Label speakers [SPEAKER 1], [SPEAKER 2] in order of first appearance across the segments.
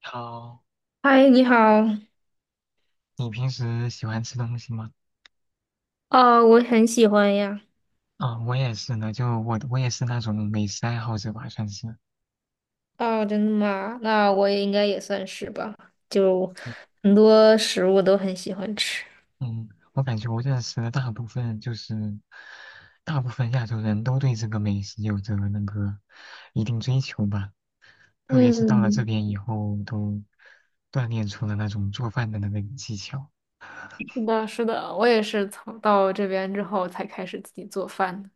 [SPEAKER 1] 好，
[SPEAKER 2] 嗨，你好。
[SPEAKER 1] 你平时喜欢吃东西吗？
[SPEAKER 2] 哦，我很喜欢呀。
[SPEAKER 1] 啊、我也是呢，就我也是那种美食爱好者吧，算是。
[SPEAKER 2] 哦，真的吗？那我也应该也算是吧，就
[SPEAKER 1] 嗯，
[SPEAKER 2] 很多食物都很喜欢吃。
[SPEAKER 1] 嗯我感觉我认识的大部分亚洲人都对这个美食有着那个一定追求吧，特别是到了这
[SPEAKER 2] 嗯，
[SPEAKER 1] 边以后，都锻炼出了那种做饭的那个技巧。
[SPEAKER 2] 是的，是的，我也是从到这边之后才开始自己做饭的。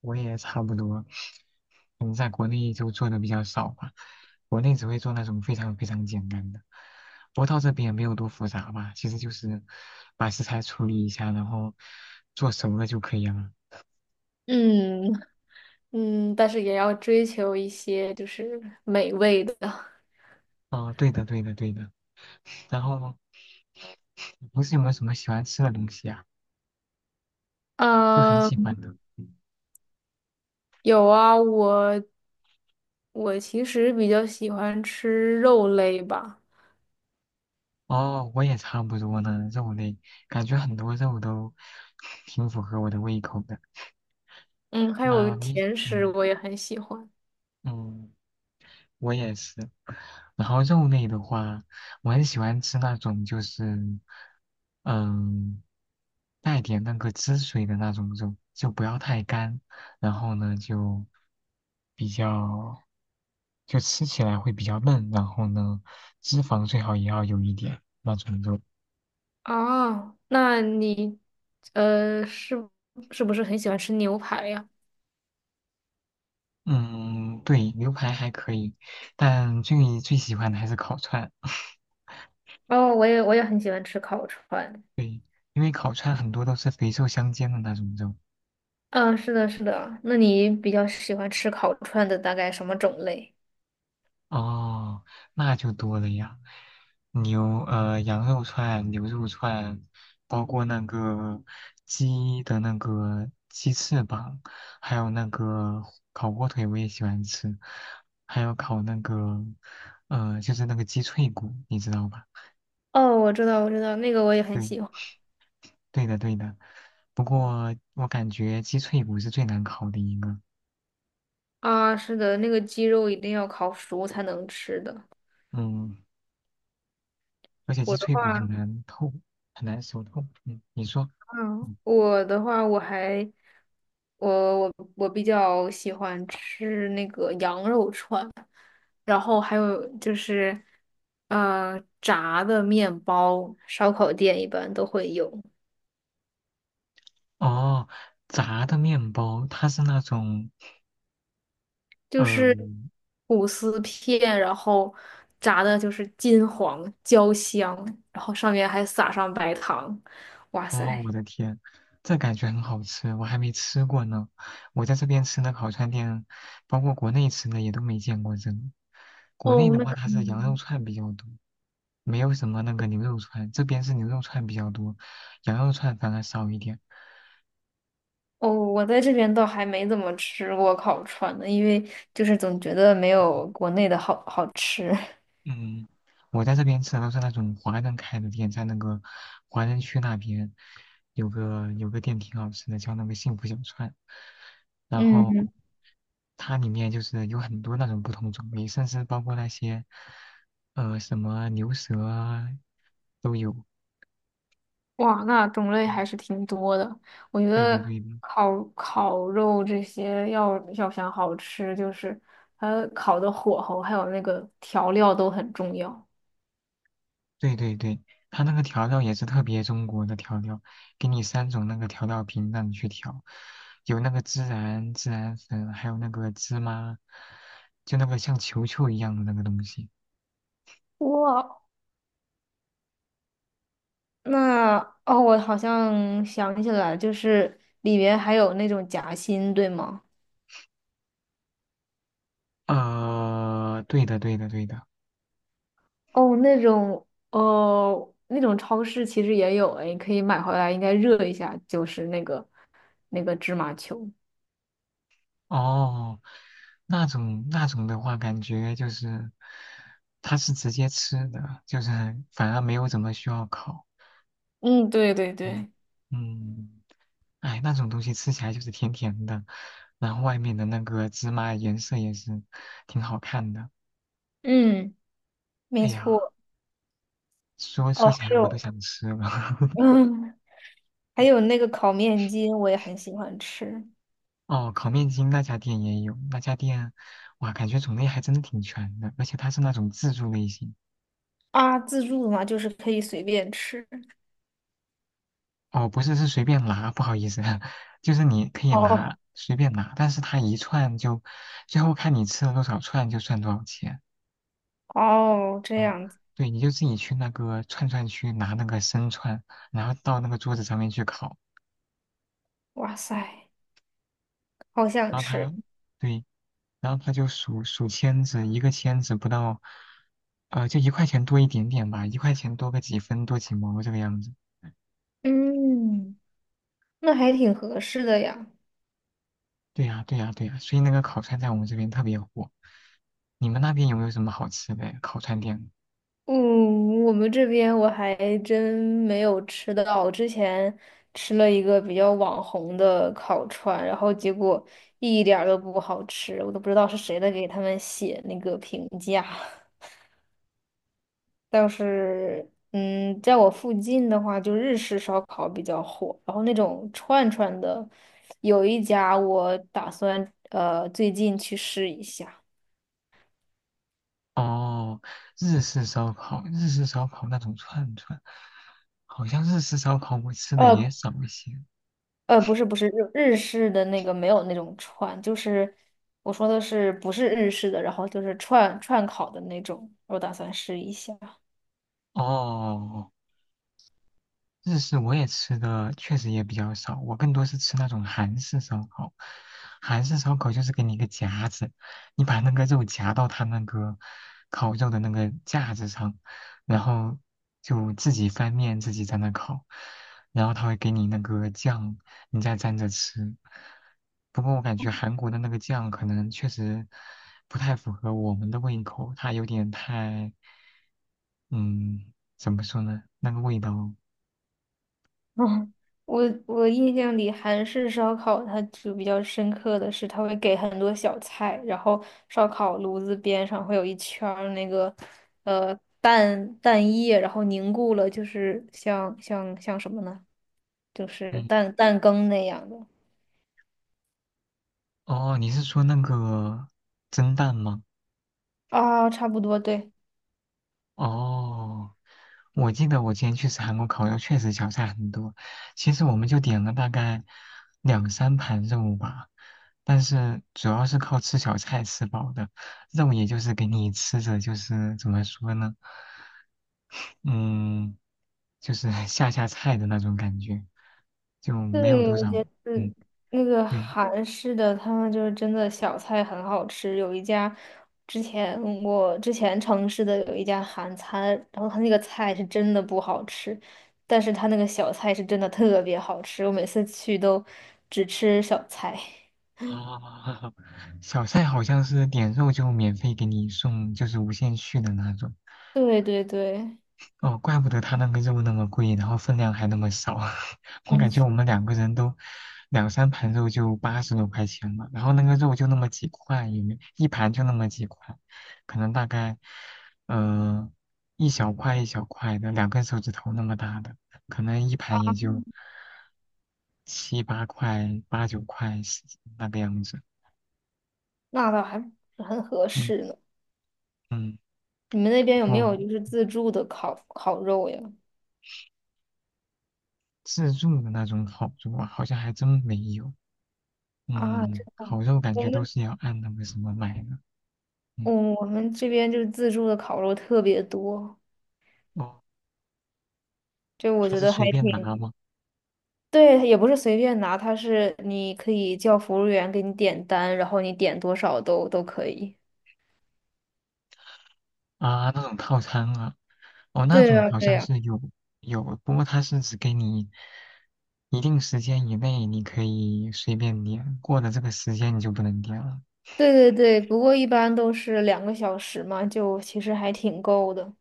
[SPEAKER 1] 我也差不多，可能在国内就做的比较少吧，国内只会做那种非常非常简单的，不过到这边也没有多复杂吧，其实就是把食材处理一下，然后做熟了就可以了。
[SPEAKER 2] 嗯，嗯，但是也要追求一些就是美味的。
[SPEAKER 1] 哦，对的，对的，对的。然后平时有没有什么喜欢吃的东西啊？就很喜
[SPEAKER 2] 嗯，
[SPEAKER 1] 欢的。
[SPEAKER 2] 有啊，我其实比较喜欢吃肉类吧。
[SPEAKER 1] 哦，我也差不多呢，肉类，感觉很多肉都 挺符合我的胃口的。
[SPEAKER 2] 嗯，还有
[SPEAKER 1] 那你，
[SPEAKER 2] 甜食
[SPEAKER 1] 嗯
[SPEAKER 2] 我也很喜欢。
[SPEAKER 1] 嗯。我也是。然后肉类的话，我很喜欢吃那种就是，嗯，带点那个汁水的那种肉，就不要太干。然后呢，就比较，就吃起来会比较嫩。然后呢，脂肪最好也要有一点那种肉。
[SPEAKER 2] 哦，那你呃是是不是很喜欢吃牛排呀？
[SPEAKER 1] 嗯，对，牛排还可以，但最最喜欢的还是烤串。
[SPEAKER 2] 哦，我也很喜欢吃烤串。
[SPEAKER 1] 对，因为烤串很多都是肥瘦相间的那种肉。
[SPEAKER 2] 嗯，是的，是的。那你比较喜欢吃烤串的大概什么种类？
[SPEAKER 1] 哦，那就多了呀，羊肉串、牛肉串，包括那个鸡的那个鸡翅膀，还有那个烤火腿我也喜欢吃，还有烤那个鸡脆骨，你知道吧？
[SPEAKER 2] 哦，我知道，我知道，那个我也很
[SPEAKER 1] 对，
[SPEAKER 2] 喜欢。
[SPEAKER 1] 对的对的。不过我感觉鸡脆骨是最难烤的一个，
[SPEAKER 2] 啊，是的，那个鸡肉一定要烤熟才能吃的。
[SPEAKER 1] 嗯，而且鸡
[SPEAKER 2] 我的
[SPEAKER 1] 脆骨很
[SPEAKER 2] 话，
[SPEAKER 1] 难透，很难熟透。嗯，你说。
[SPEAKER 2] 嗯，我的话，我还，我比较喜欢吃那个羊肉串。然后还有就是，炸的面包，烧烤店一般都会有，
[SPEAKER 1] 哦，炸的面包，它是那种，
[SPEAKER 2] 就
[SPEAKER 1] 呃，
[SPEAKER 2] 是吐司片，然后炸的就是金黄焦香，然后上面还撒上白糖，哇
[SPEAKER 1] 哦，
[SPEAKER 2] 塞！
[SPEAKER 1] 我的天，这感觉很好吃，我还没吃过呢。我在这边吃的烤串店，包括国内吃的也都没见过这个。国内
[SPEAKER 2] 哦，
[SPEAKER 1] 的
[SPEAKER 2] 那
[SPEAKER 1] 话，
[SPEAKER 2] 可
[SPEAKER 1] 它是羊肉
[SPEAKER 2] 能
[SPEAKER 1] 串比较多，没有什么那个牛肉串，这边是牛肉串比较多，羊肉串反而少一点。
[SPEAKER 2] 哦，我在这边倒还没怎么吃过烤串呢，因为就是总觉得没有国内的好好吃。
[SPEAKER 1] 嗯，我在这边吃的都是那种华人开的店，在那个华人区那边有个店挺好吃的，叫那个幸福小串，然后
[SPEAKER 2] 嗯。
[SPEAKER 1] 它里面就是有很多那种不同种类，甚至包括那些什么牛舌啊都有。
[SPEAKER 2] 哇，那种类还是挺多的。我觉
[SPEAKER 1] 对的，
[SPEAKER 2] 得
[SPEAKER 1] 对的。
[SPEAKER 2] 烤肉这些要想好吃，就是它烤的火候还有那个调料都很重要。
[SPEAKER 1] 对对对，它那个调料也是特别中国的调料，给你三种那个调料瓶让你去调，有那个孜然、孜然粉，还有那个芝麻，就那个像球球一样的那个东西。
[SPEAKER 2] 哇，那哦，我好像想起来，就是里面还有那种夹心，对吗？
[SPEAKER 1] 对的对的对的。
[SPEAKER 2] 哦，那种哦，那种超市其实也有，哎，你可以买回来，应该热一下，就是那个芝麻球。
[SPEAKER 1] 哦，那种的话，感觉就是它是直接吃的，就是反而没有怎么需要烤。
[SPEAKER 2] 嗯，对对
[SPEAKER 1] 嗯
[SPEAKER 2] 对，
[SPEAKER 1] 嗯。哎，那种东西吃起来就是甜甜的，然后外面的那个芝麻颜色也是挺好看的。
[SPEAKER 2] 嗯，没
[SPEAKER 1] 哎呀，
[SPEAKER 2] 错。
[SPEAKER 1] 说
[SPEAKER 2] 哦，
[SPEAKER 1] 说
[SPEAKER 2] 还
[SPEAKER 1] 起来我都
[SPEAKER 2] 有，
[SPEAKER 1] 想吃了。
[SPEAKER 2] 嗯，还有那个烤面筋，我也很喜欢吃
[SPEAKER 1] 哦，烤面筋那家店也有，那家店哇，感觉种类还真的挺全的，而且它是那种自助类型。
[SPEAKER 2] 啊。自助嘛，就是可以随便吃。
[SPEAKER 1] 哦，不是，是随便拿，不好意思，就是你可以
[SPEAKER 2] 哦
[SPEAKER 1] 拿，随便拿，但是它一串就，最后看你吃了多少串就算多少钱。
[SPEAKER 2] 哦，这
[SPEAKER 1] 嗯，
[SPEAKER 2] 样子，
[SPEAKER 1] 对，你就自己去那个串串区拿那个生串，然后到那个桌子上面去烤。
[SPEAKER 2] 哇塞，好想吃。
[SPEAKER 1] 对，然后他就数数签子，一个签子不到，呃，就一块钱多一点点吧，一块钱多个几分，多几毛这个样子。
[SPEAKER 2] 嗯，那还挺合适的呀。
[SPEAKER 1] 对呀，对呀，对呀，所以那个烤串在我们这边特别火。你们那边有没有什么好吃的呀烤串店？
[SPEAKER 2] 嗯，我们这边我还真没有吃到。我之前吃了一个比较网红的烤串，然后结果一点儿都不好吃，我都不知道是谁在给他们写那个评价。倒是，嗯，在我附近的话，就日式烧烤比较火，然后那种串串的，有一家我打算最近去试一下。
[SPEAKER 1] 哦，日式烧烤，日式烧烤那种串串，好像日式烧烤我吃的也
[SPEAKER 2] 呃
[SPEAKER 1] 少一些。
[SPEAKER 2] 不是不是日式的那个没有那种串，就是我说的是不是日式的，然后就是串串烤的那种，我打算试一下。
[SPEAKER 1] 哦，日式我也吃的确实也比较少，我更多是吃那种韩式烧烤。韩式烧烤就是给你一个夹子，你把那个肉夹到它那个烤肉的那个架子上，然后就自己翻面自己在那烤，然后他会给你那个酱，你再蘸着吃。不过我感觉韩国的那个酱可能确实不太符合我们的胃口，它有点太，嗯，怎么说呢？那个味道。
[SPEAKER 2] 嗯，我我印象里韩式烧烤，它就比较深刻的是，它会给很多小菜，然后烧烤炉子边上会有一圈儿那个呃蛋液，然后凝固了，就是像什么呢？就是
[SPEAKER 1] 嗯
[SPEAKER 2] 蛋羹那样的
[SPEAKER 1] 哦，你是说那个蒸蛋吗？
[SPEAKER 2] 啊，差不多，对。
[SPEAKER 1] 哦，我记得我之前去吃韩国烤肉，确实小菜很多。其实我们就点了大概两三盘肉吧，但是主要是靠吃小菜吃饱的，肉也就是给你吃着，就是怎么说呢？嗯，就是 下菜的那种感觉，就没有
[SPEAKER 2] 对，
[SPEAKER 1] 多
[SPEAKER 2] 我
[SPEAKER 1] 少。
[SPEAKER 2] 觉得
[SPEAKER 1] 嗯，
[SPEAKER 2] 那个
[SPEAKER 1] 对，
[SPEAKER 2] 韩式的，他们就是真的小菜很好吃。有一家之前城市的有一家韩餐，然后他那个菜是真的不好吃，但是他那个小菜是真的特别好吃。我每次去都只吃小菜。
[SPEAKER 1] 哦，小赛好像是点肉就免费给你送，就是无限续的那种。
[SPEAKER 2] 对对对，
[SPEAKER 1] 哦，怪不得他那个肉那么贵，然后分量还那么少。我
[SPEAKER 2] 嗯，
[SPEAKER 1] 感觉我们两个人都两三盘肉就80多块钱了，然后那个肉就那么几块，也没一盘就那么几块，可能大概呃一小块一小块的，两根手指头那么大的，可能一盘也就七八块、八九块是那个样子。
[SPEAKER 2] 那倒还不是很合
[SPEAKER 1] 嗯
[SPEAKER 2] 适呢。
[SPEAKER 1] 嗯。
[SPEAKER 2] 你们那边有没
[SPEAKER 1] 哦，
[SPEAKER 2] 有就是自助的烤肉呀？
[SPEAKER 1] 自助的那种烤肉啊，好像还真没有。
[SPEAKER 2] 啊，这
[SPEAKER 1] 嗯，烤肉感
[SPEAKER 2] 我
[SPEAKER 1] 觉都
[SPEAKER 2] 们
[SPEAKER 1] 是要按那个什么买的。
[SPEAKER 2] 我
[SPEAKER 1] 嗯，
[SPEAKER 2] 我们这边就是自助的烤肉特别多。
[SPEAKER 1] 哦，
[SPEAKER 2] 就我
[SPEAKER 1] 它
[SPEAKER 2] 觉
[SPEAKER 1] 是
[SPEAKER 2] 得还
[SPEAKER 1] 随便拿
[SPEAKER 2] 挺，
[SPEAKER 1] 吗？
[SPEAKER 2] 对，也不是随便拿，它是你可以叫服务员给你点单，然后你点多少都可以。
[SPEAKER 1] 啊，那种套餐啊，哦，那
[SPEAKER 2] 对
[SPEAKER 1] 种
[SPEAKER 2] 呀，
[SPEAKER 1] 好
[SPEAKER 2] 对
[SPEAKER 1] 像
[SPEAKER 2] 呀，
[SPEAKER 1] 是有，不过它是只给你一定时间以内，你可以随便点，过了这个时间你就不能点了。
[SPEAKER 2] 对对对，不过一般都是两个小时嘛，就其实还挺够的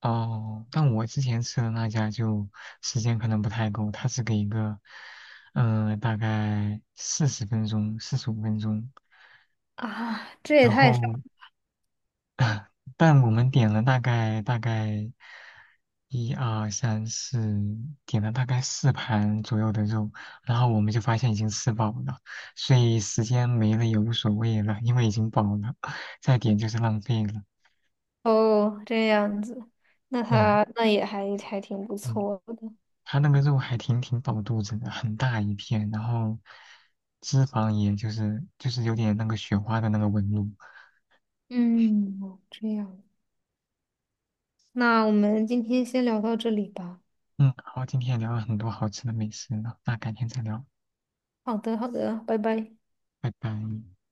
[SPEAKER 1] 哦，但我之前吃的那家就时间可能不太够，它是给一个，大概40分钟、45分钟。
[SPEAKER 2] 啊。这也
[SPEAKER 1] 然
[SPEAKER 2] 太少
[SPEAKER 1] 后，但我们点了大概一二三四，点了大概四盘左右的肉，然后我们就发现已经吃饱了，所以时间没了也无所谓了，因为已经饱了，再点就是浪费了。
[SPEAKER 2] 哦，这样子，那
[SPEAKER 1] 嗯
[SPEAKER 2] 他那也还挺不
[SPEAKER 1] 嗯，
[SPEAKER 2] 错的。
[SPEAKER 1] 它那个肉还挺饱肚子的，很大一片，然后脂肪也就是有点那个雪花的那个纹路。
[SPEAKER 2] 嗯，哦这样，那我们今天先聊到这里吧。
[SPEAKER 1] 嗯，好，今天也聊了很多好吃的美食呢，那改天再聊，
[SPEAKER 2] 好的，好的，拜拜。
[SPEAKER 1] 拜拜。